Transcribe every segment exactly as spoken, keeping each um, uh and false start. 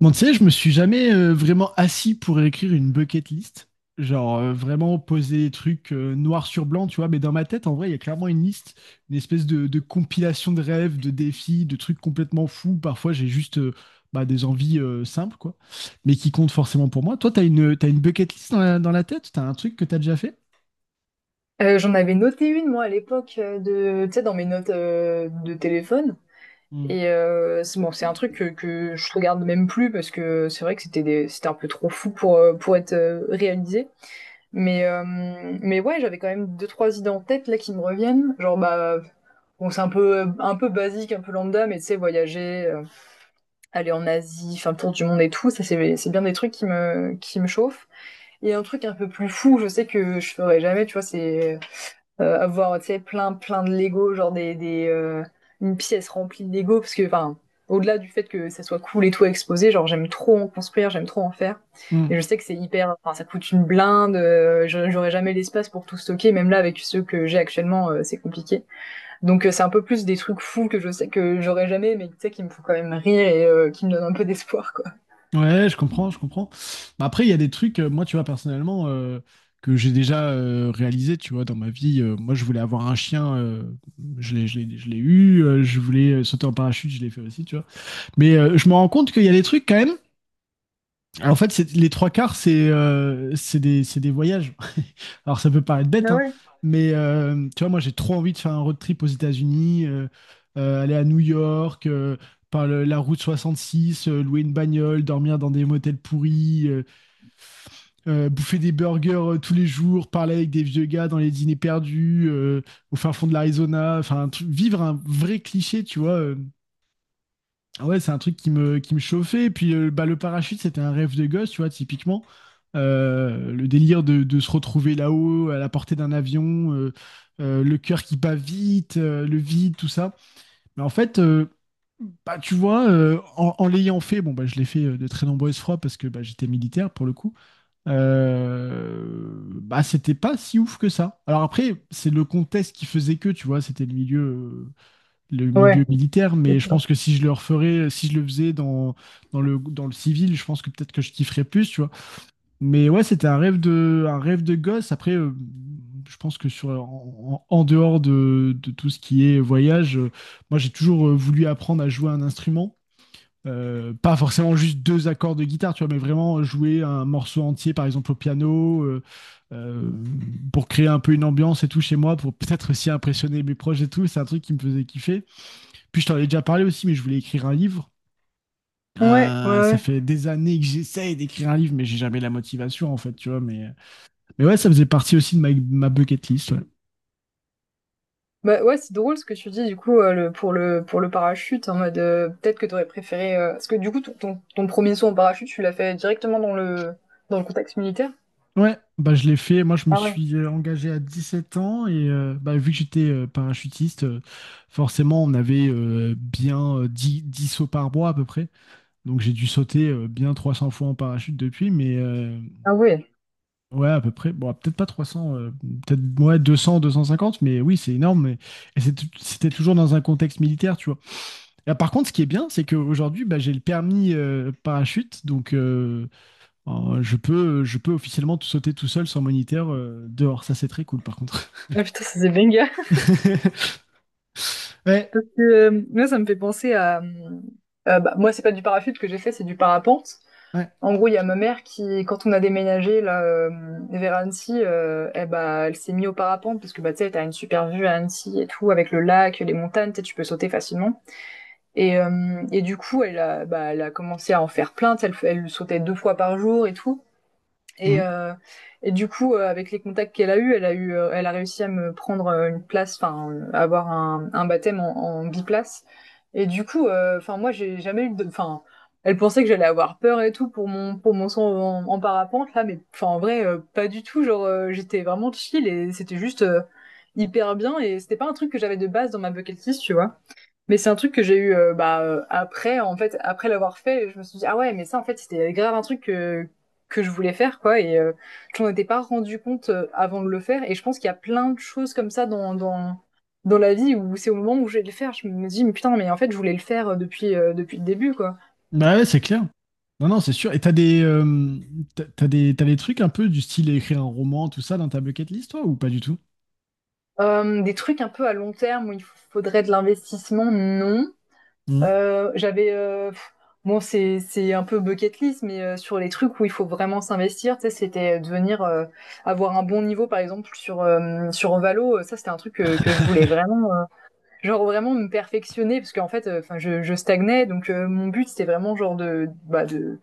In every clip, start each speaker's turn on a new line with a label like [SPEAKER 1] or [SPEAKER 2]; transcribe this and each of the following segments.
[SPEAKER 1] Bon, tu sais, je me suis jamais euh, vraiment assis pour écrire une bucket list. Genre, euh, vraiment poser des trucs euh, noir sur blanc, tu vois. Mais dans ma tête, en vrai, il y a clairement une liste, une espèce de, de compilation de rêves, de défis, de trucs complètement fous. Parfois, j'ai juste euh, bah, des envies euh, simples, quoi. Mais qui comptent forcément pour moi. Toi, t'as une, t'as une bucket list dans la, dans la tête? T'as un truc que t'as déjà fait?
[SPEAKER 2] Euh, j'en avais noté une, moi, à l'époque, euh, de, tu sais, dans mes notes euh, de téléphone.
[SPEAKER 1] Hmm.
[SPEAKER 2] Et euh, c'est bon, c'est un truc que, que je regarde même plus parce que c'est vrai que c'était des- c'était un peu trop fou pour, euh, pour être euh, réalisé. Mais, euh, mais ouais, j'avais quand même deux, trois idées en tête là qui me reviennent. Genre, bah, bon, c'est un peu, un peu basique, un peu lambda, mais tu sais, voyager, euh, aller en Asie, faire le tour du monde et tout, ça, c'est c'est bien des trucs qui me, qui me chauffent. Et un truc un peu plus fou, je sais que je ferais jamais, tu vois, c'est euh, avoir tu sais plein plein de Lego genre des, des euh, une pièce remplie de Lego parce que enfin au-delà du fait que ça soit cool et tout à exposer, genre j'aime trop en construire, j'aime trop en faire
[SPEAKER 1] Hmm.
[SPEAKER 2] et je sais que c'est hyper, enfin ça coûte une blinde, euh, je- j'aurais jamais l'espace pour tout stocker, même là avec ceux que j'ai actuellement euh, c'est compliqué. Donc euh, c'est un peu plus des trucs fous que je sais que j'aurais jamais mais tu sais qui me font quand même rire et euh, qui me donnent un peu d'espoir, quoi.
[SPEAKER 1] Ouais, je comprends, je comprends. Bah, après, il y a des trucs, euh, moi, tu vois, personnellement, euh, que j'ai déjà euh, réalisé, tu vois, dans ma vie. Euh, moi, je voulais avoir un chien, euh, je l'ai, je l'ai, je l'ai eu. euh, je voulais euh, sauter en parachute, je l'ai fait aussi, tu vois. Mais euh, je me rends compte qu'il y a des trucs quand même. Alors, en fait, c'est- les trois quarts, c'est euh, c'est des, c'est des voyages. Alors, ça peut paraître bête,
[SPEAKER 2] Ah
[SPEAKER 1] hein,
[SPEAKER 2] ouais.
[SPEAKER 1] mais euh, tu vois, moi, j'ai trop envie de faire un road trip aux États-Unis, euh, euh, aller à New York, euh, par le- la route soixante-six, euh, louer une bagnole, dormir dans des motels pourris, euh, euh, bouffer des burgers euh, tous les jours, parler avec des vieux gars dans les dîners perdus, euh, au fin fond de l'Arizona, enfin, un truc- vivre un vrai cliché, tu vois. euh, ah Ouais, c'est un truc qui me, qui me chauffait. Et puis, euh, bah, le parachute, c'était un rêve de gosse, tu vois, typiquement. Euh, le délire de, de se retrouver là-haut, à la portée d'un avion, euh, euh, le cœur qui bat vite, euh, le vide, tout ça. Mais en fait, euh, bah, tu vois, euh, en, en l'ayant fait, bon, bah, je l'ai fait euh, de très nombreuses fois parce que bah, j'étais militaire pour le coup, euh, bah, c'était pas si ouf que ça. Alors après, c'est le contexte qui faisait que, tu vois, c'était le milieu, euh, le milieu
[SPEAKER 2] Ouais,
[SPEAKER 1] militaire, mais je
[SPEAKER 2] d'accord.
[SPEAKER 1] pense que si je le referais, si je le faisais dans, dans le, dans le civil, je pense que peut-être que je kifferais plus, tu vois. Mais ouais, c'était un rêve de, un rêve de gosse. Après, euh, je pense que sur, en, en- en dehors de, de tout ce qui est voyage, euh, moi, j'ai toujours euh, voulu apprendre à jouer un instrument. Euh, pas forcément juste deux accords de guitare, tu vois, mais vraiment jouer un morceau entier, par exemple au piano, euh, euh, pour créer un peu une ambiance et tout chez moi, pour peut-être aussi impressionner mes proches et tout. C'est un truc qui me faisait kiffer. Puis je t'en ai déjà parlé aussi, mais je voulais écrire un livre.
[SPEAKER 2] Ouais, ouais,
[SPEAKER 1] Euh, ça
[SPEAKER 2] ouais.
[SPEAKER 1] fait des années que j'essaye d'écrire un livre, mais j'ai jamais la motivation en fait, tu vois. Mais, mais ouais, ça faisait partie aussi de ma, ma bucket list. Ouais.
[SPEAKER 2] Bah ouais, c'est drôle ce que tu dis, du coup, euh, le, pour le pour le parachute, en mode, euh, peut-être que t'aurais préféré, euh, parce que du coup ton, ton ton premier saut en parachute tu l'as fait directement dans le dans le contexte militaire.
[SPEAKER 1] Ouais, bah je l'ai fait. Moi, je me
[SPEAKER 2] Ah ouais.
[SPEAKER 1] suis euh, engagé à 17 ans et euh, bah, vu que j'étais euh, parachutiste, euh, forcément, on avait euh, bien euh, dix 10 sauts par mois à peu près. Donc, j'ai dû sauter euh, bien 300 fois en parachute depuis. Mais, euh,
[SPEAKER 2] Ah ouais.
[SPEAKER 1] ouais, à peu près. Bon, peut-être pas trois cents, euh, peut-être ouais, deux deux cents deux cent cinquante mais oui, c'est énorme. mais- Et c'est tou- c'était toujours dans un contexte militaire, tu vois. Et, par contre, ce qui est bien, c'est qu'aujourd'hui, bah, j'ai le permis euh, parachute, donc euh, euh, je peux, je peux officiellement tout sauter tout seul sans moniteur euh, dehors. Ça, c'est très cool, par contre.
[SPEAKER 2] Ah putain, ça c'est banger.
[SPEAKER 1] Ouais,
[SPEAKER 2] Parce que euh, moi ça me fait penser à euh, euh, bah, moi c'est pas du parachute que j'ai fait, c'est du parapente.
[SPEAKER 1] ouais.
[SPEAKER 2] En gros il y a ma mère qui quand on a déménagé là euh, vers Annecy, euh, eh bah elle s'est mise au parapente parce que bah tu sais t'as une super vue à Annecy et tout avec le lac, les montagnes, tu sais, tu peux sauter facilement. Et, euh, et du coup, elle a, bah, elle a commencé à en faire plainte. Elle, elle sautait deux fois par jour et tout. Et,
[SPEAKER 1] Mm.
[SPEAKER 2] euh, et du coup, euh, avec les contacts qu'elle a eu, elle a eu, euh, elle a réussi à me prendre euh, une place, enfin, euh, avoir un, un baptême en, en biplace. Et du coup, enfin, euh, enfin, moi, j'ai jamais eu de, enfin, elle pensait que j'allais avoir peur et tout pour mon, pour mon saut en, en parapente là, mais enfin, en vrai, euh, pas du tout. Genre, euh, j'étais vraiment chill et c'était juste euh, hyper bien. Et c'était pas un truc que j'avais de base dans ma bucket list, tu vois. Mais c'est un truc que j'ai eu euh, bah, euh, après, en fait, après l'avoir fait, je me suis dit, ah ouais, mais ça, en fait, c'était grave un truc que, que je voulais faire, quoi. Et euh, je m'en étais pas rendu compte euh, avant de le faire. Et je pense qu'il y a plein de choses comme ça dans, dans, dans la vie où c'est au moment où je vais le faire, je me dis, mais putain, mais en fait, je voulais le faire, euh, depuis, euh, depuis le début, quoi.
[SPEAKER 1] Bah ouais, c'est clair. Non, non, c'est sûr. Et t'as des, euh, t'as t'as des, t'as des trucs un peu du style écrire un roman, tout ça, dans ta bucket list, toi, ou pas du tout?
[SPEAKER 2] Euh, des trucs un peu à long terme où il faudrait de l'investissement, non.
[SPEAKER 1] Mm.
[SPEAKER 2] Euh, j'avais euh, pff, bon c'est c'est un peu bucket list mais euh, sur les trucs où il faut vraiment s'investir, tu sais, c'était devenir, euh, avoir un bon niveau par exemple sur euh, sur Valo, euh, ça c'était un truc que, que je voulais vraiment, euh, genre vraiment me perfectionner parce qu'en fait, euh, enfin je, je stagnais, donc euh, mon but c'était vraiment genre de bah de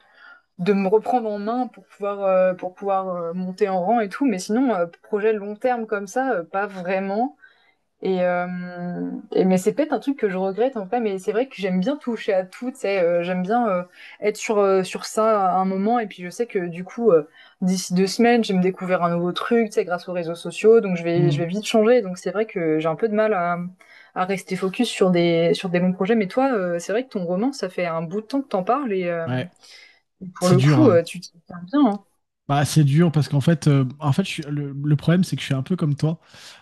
[SPEAKER 2] de me reprendre en main pour pouvoir, euh, pour pouvoir euh, monter en rang et tout. Mais sinon, euh, projet long terme comme ça, euh, pas vraiment. et, euh, et- mais c'est peut-être un truc que je regrette, en fait. Mais c'est vrai que j'aime bien toucher à tout, tu sais, euh, j'aime bien euh, être sur euh, sur ça à un moment et puis je sais que du coup euh, d'ici deux semaines je vais me découvrir un nouveau truc, tu sais, grâce aux réseaux sociaux, donc je vais je
[SPEAKER 1] Mm.
[SPEAKER 2] vais vite changer, donc c'est vrai que j'ai un peu de mal à à rester focus sur des sur des bons projets. Mais toi, euh, c'est vrai que ton roman, ça fait un bout de temps que t'en parles et euh,
[SPEAKER 1] Ouais,
[SPEAKER 2] pour
[SPEAKER 1] c'est
[SPEAKER 2] le
[SPEAKER 1] dur,
[SPEAKER 2] coup,
[SPEAKER 1] hein.
[SPEAKER 2] euh, tu t'y tiens bien, hein.
[SPEAKER 1] Bah, c'est dur parce qu'en fait, euh, en fait, je suis- le, le problème, c'est que je suis un peu comme toi.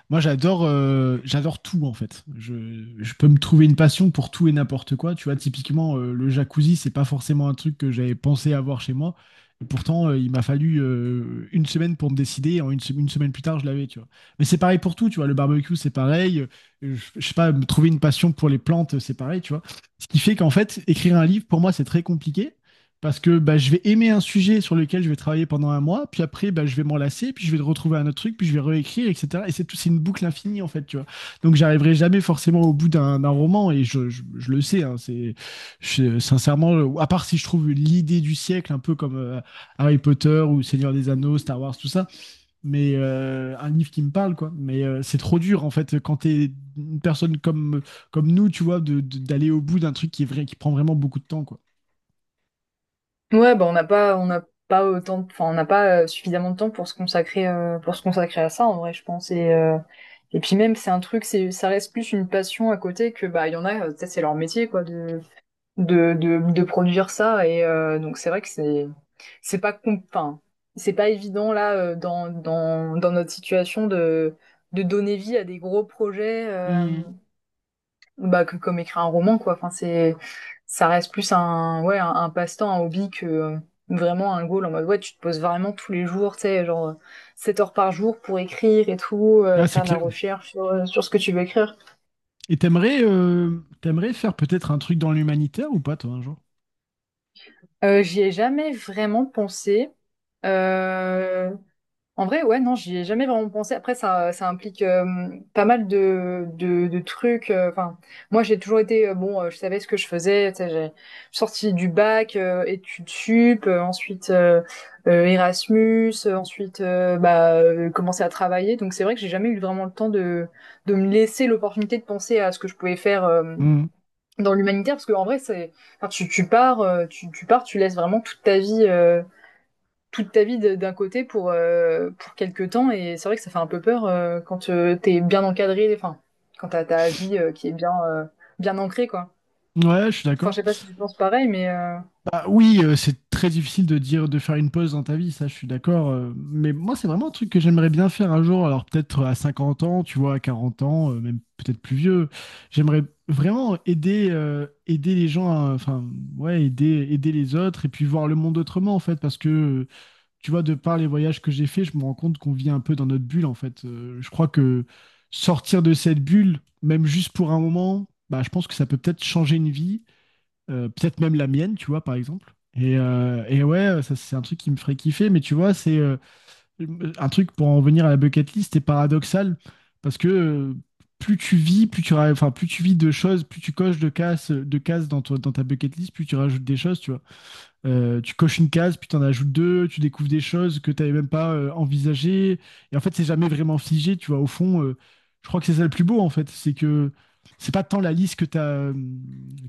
[SPEAKER 1] Moi, j'adore, euh, j'adore tout en fait. Je, je peux me trouver une passion pour tout et n'importe quoi. Tu vois, typiquement, euh, le jacuzzi, c'est pas forcément un truc que j'avais pensé avoir chez moi. Et pourtant, euh, il m'a fallu euh, une semaine pour me décider. En une, se- une semaine plus tard, je l'avais, tu vois. Mais c'est pareil pour tout, tu vois. Le barbecue, c'est pareil. Euh, Je, je sais pas, me trouver une passion pour les plantes, c'est pareil, tu vois. Ce qui fait qu'en fait, écrire un livre, pour moi, c'est très compliqué. Parce que bah, je vais aimer un sujet sur lequel je vais travailler pendant un mois, puis après bah, je vais m'en lasser, puis je vais retrouver un autre truc, puis je vais réécrire, et cetera. Et c'est tout, c'est une boucle infinie en fait, tu vois. Donc j'arriverai jamais forcément au bout d'un d'un roman, et je, je- je le sais, hein, c'est je- sincèrement, euh, à part si je trouve l'idée du siècle, un peu comme euh, Harry Potter ou Seigneur des Anneaux, Star Wars, tout ça, mais euh, un livre qui me parle, quoi. Mais euh, c'est trop dur en fait quand t'es une personne comme, comme nous, tu vois, de- de- d'aller au bout d'un truc qui est vrai, qui prend vraiment beaucoup de temps, quoi.
[SPEAKER 2] Ouais, bah on n'a pas, on n'a pas autant, enfin on n'a pas euh, suffisamment de temps pour se consacrer, euh, pour se consacrer à ça en vrai, je pense. Et euh, et puis même c'est un truc, c'est ça reste plus une passion à côté, que bah il y en a, euh, peut-être c'est leur métier, quoi, de de de, de produire ça. Et euh, donc c'est vrai que c'est c'est pas com- enfin c'est pas évident là, euh, dans dans dans notre situation de de donner vie à des gros projets, euh,
[SPEAKER 1] Hmm.
[SPEAKER 2] bah, que comme écrire un roman, quoi. Enfin, c'est, ça reste plus un, ouais, un, un passe-temps, un hobby, que euh, vraiment un goal, en mode, ouais, tu te poses vraiment tous les jours, tu sais, genre euh, sept heures par jour pour écrire et tout, euh,
[SPEAKER 1] Ah, c'est
[SPEAKER 2] faire de la
[SPEAKER 1] clair.
[SPEAKER 2] recherche sur, euh, sur ce que tu veux écrire.
[SPEAKER 1] Et t'aimerais euh, t'aimerais faire peut-être un truc dans l'humanitaire ou pas, toi, un jour?
[SPEAKER 2] Euh, j'y ai jamais vraiment pensé. Euh, En vrai, ouais, non, j'y ai jamais vraiment pensé. Après, ça, ça implique euh, pas mal de, de, de trucs. euh, Enfin, moi, j'ai toujours été, euh, bon, euh, je savais ce que je faisais. Tu sais, j'ai sorti du bac, euh, études sup, euh, ensuite euh, euh, Erasmus, euh, ensuite euh, bah, euh, commencer à travailler. Donc, c'est vrai que j'ai jamais eu vraiment le temps de, de me laisser l'opportunité de penser à ce que je pouvais faire euh,
[SPEAKER 1] Hmm.
[SPEAKER 2] dans l'humanitaire, parce qu'en vrai, c'est, enfin, tu, tu pars, euh, tu, tu pars, tu laisses vraiment toute ta vie, euh, toute ta vie d'un côté pour, euh, pour quelques temps. Et c'est vrai que ça fait un peu peur euh, quand euh, t'es bien encadré, enfin, quand t'as ta vie euh, qui est bien, euh, bien ancrée, quoi.
[SPEAKER 1] Ouais, je suis
[SPEAKER 2] Enfin, je
[SPEAKER 1] d'accord.
[SPEAKER 2] sais pas si tu penses pareil, mais euh,
[SPEAKER 1] Bah oui, euh, c'est très difficile de dire de faire une pause dans ta vie, ça, je suis d'accord, euh, mais moi, c'est vraiment un truc que j'aimerais bien faire un jour. Alors peut-être à 50 ans, tu vois, à 40 ans, euh, même peut-être plus vieux. J'aimerais vraiment aider euh, aider les gens, à- enfin ouais, aider aider les autres et puis voir le monde autrement en fait, parce que tu vois, de par les voyages que j'ai faits, je me rends compte qu'on vit un peu dans notre bulle, en fait. Euh, je crois que sortir de cette bulle, même juste pour un moment, bah, je pense que ça peut peut-être changer une vie, euh, peut-être même la mienne, tu vois, par exemple. Et, euh, et ouais, ça, c'est un truc qui me ferait kiffer, mais tu vois, c'est euh, un truc pour en venir à la bucket list, c'est paradoxal, parce que euh, plus tu vis, plus tu, ra- enfin, plus tu vis de choses, plus tu coches de cases, de cases, dans, ton- dans ta bucket list, plus tu rajoutes des choses, tu vois. Euh, tu coches une case, puis tu en ajoutes deux, tu découvres des choses que tu n'avais même pas euh, envisagées. Et en fait, c'est jamais vraiment figé, tu vois. Au fond, euh, je crois que c'est ça le plus beau, en fait. C'est que c'est pas tant la liste que tu as,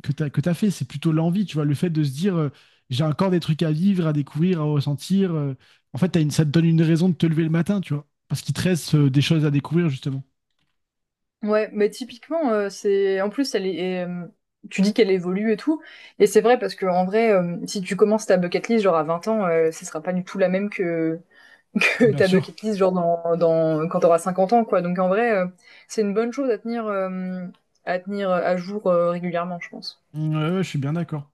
[SPEAKER 1] que t'as- que t'as fait, c'est plutôt l'envie, tu vois. Le fait de se dire, euh, j'ai encore des trucs à vivre, à découvrir, à ressentir. euh. En fait, t'as une, ça te donne une raison de te lever le matin, tu vois. Parce qu'il te reste euh, des choses à découvrir, justement.
[SPEAKER 2] ouais, mais typiquement, euh, c'est. En plus, elle est. euh, Tu dis qu'elle évolue et tout, et c'est vrai parce que en vrai, euh, si tu commences ta bucket list genre à vingt ans, euh, ce sera pas du tout la même que,
[SPEAKER 1] Ah
[SPEAKER 2] que
[SPEAKER 1] bien
[SPEAKER 2] ta
[SPEAKER 1] sûr,
[SPEAKER 2] bucket list genre dans, dans quand t'auras cinquante ans, quoi. Donc en vrai, euh, c'est une bonne chose à tenir, euh, à tenir à jour, euh, régulièrement, je pense.
[SPEAKER 1] ouais, ouais, je suis bien d'accord.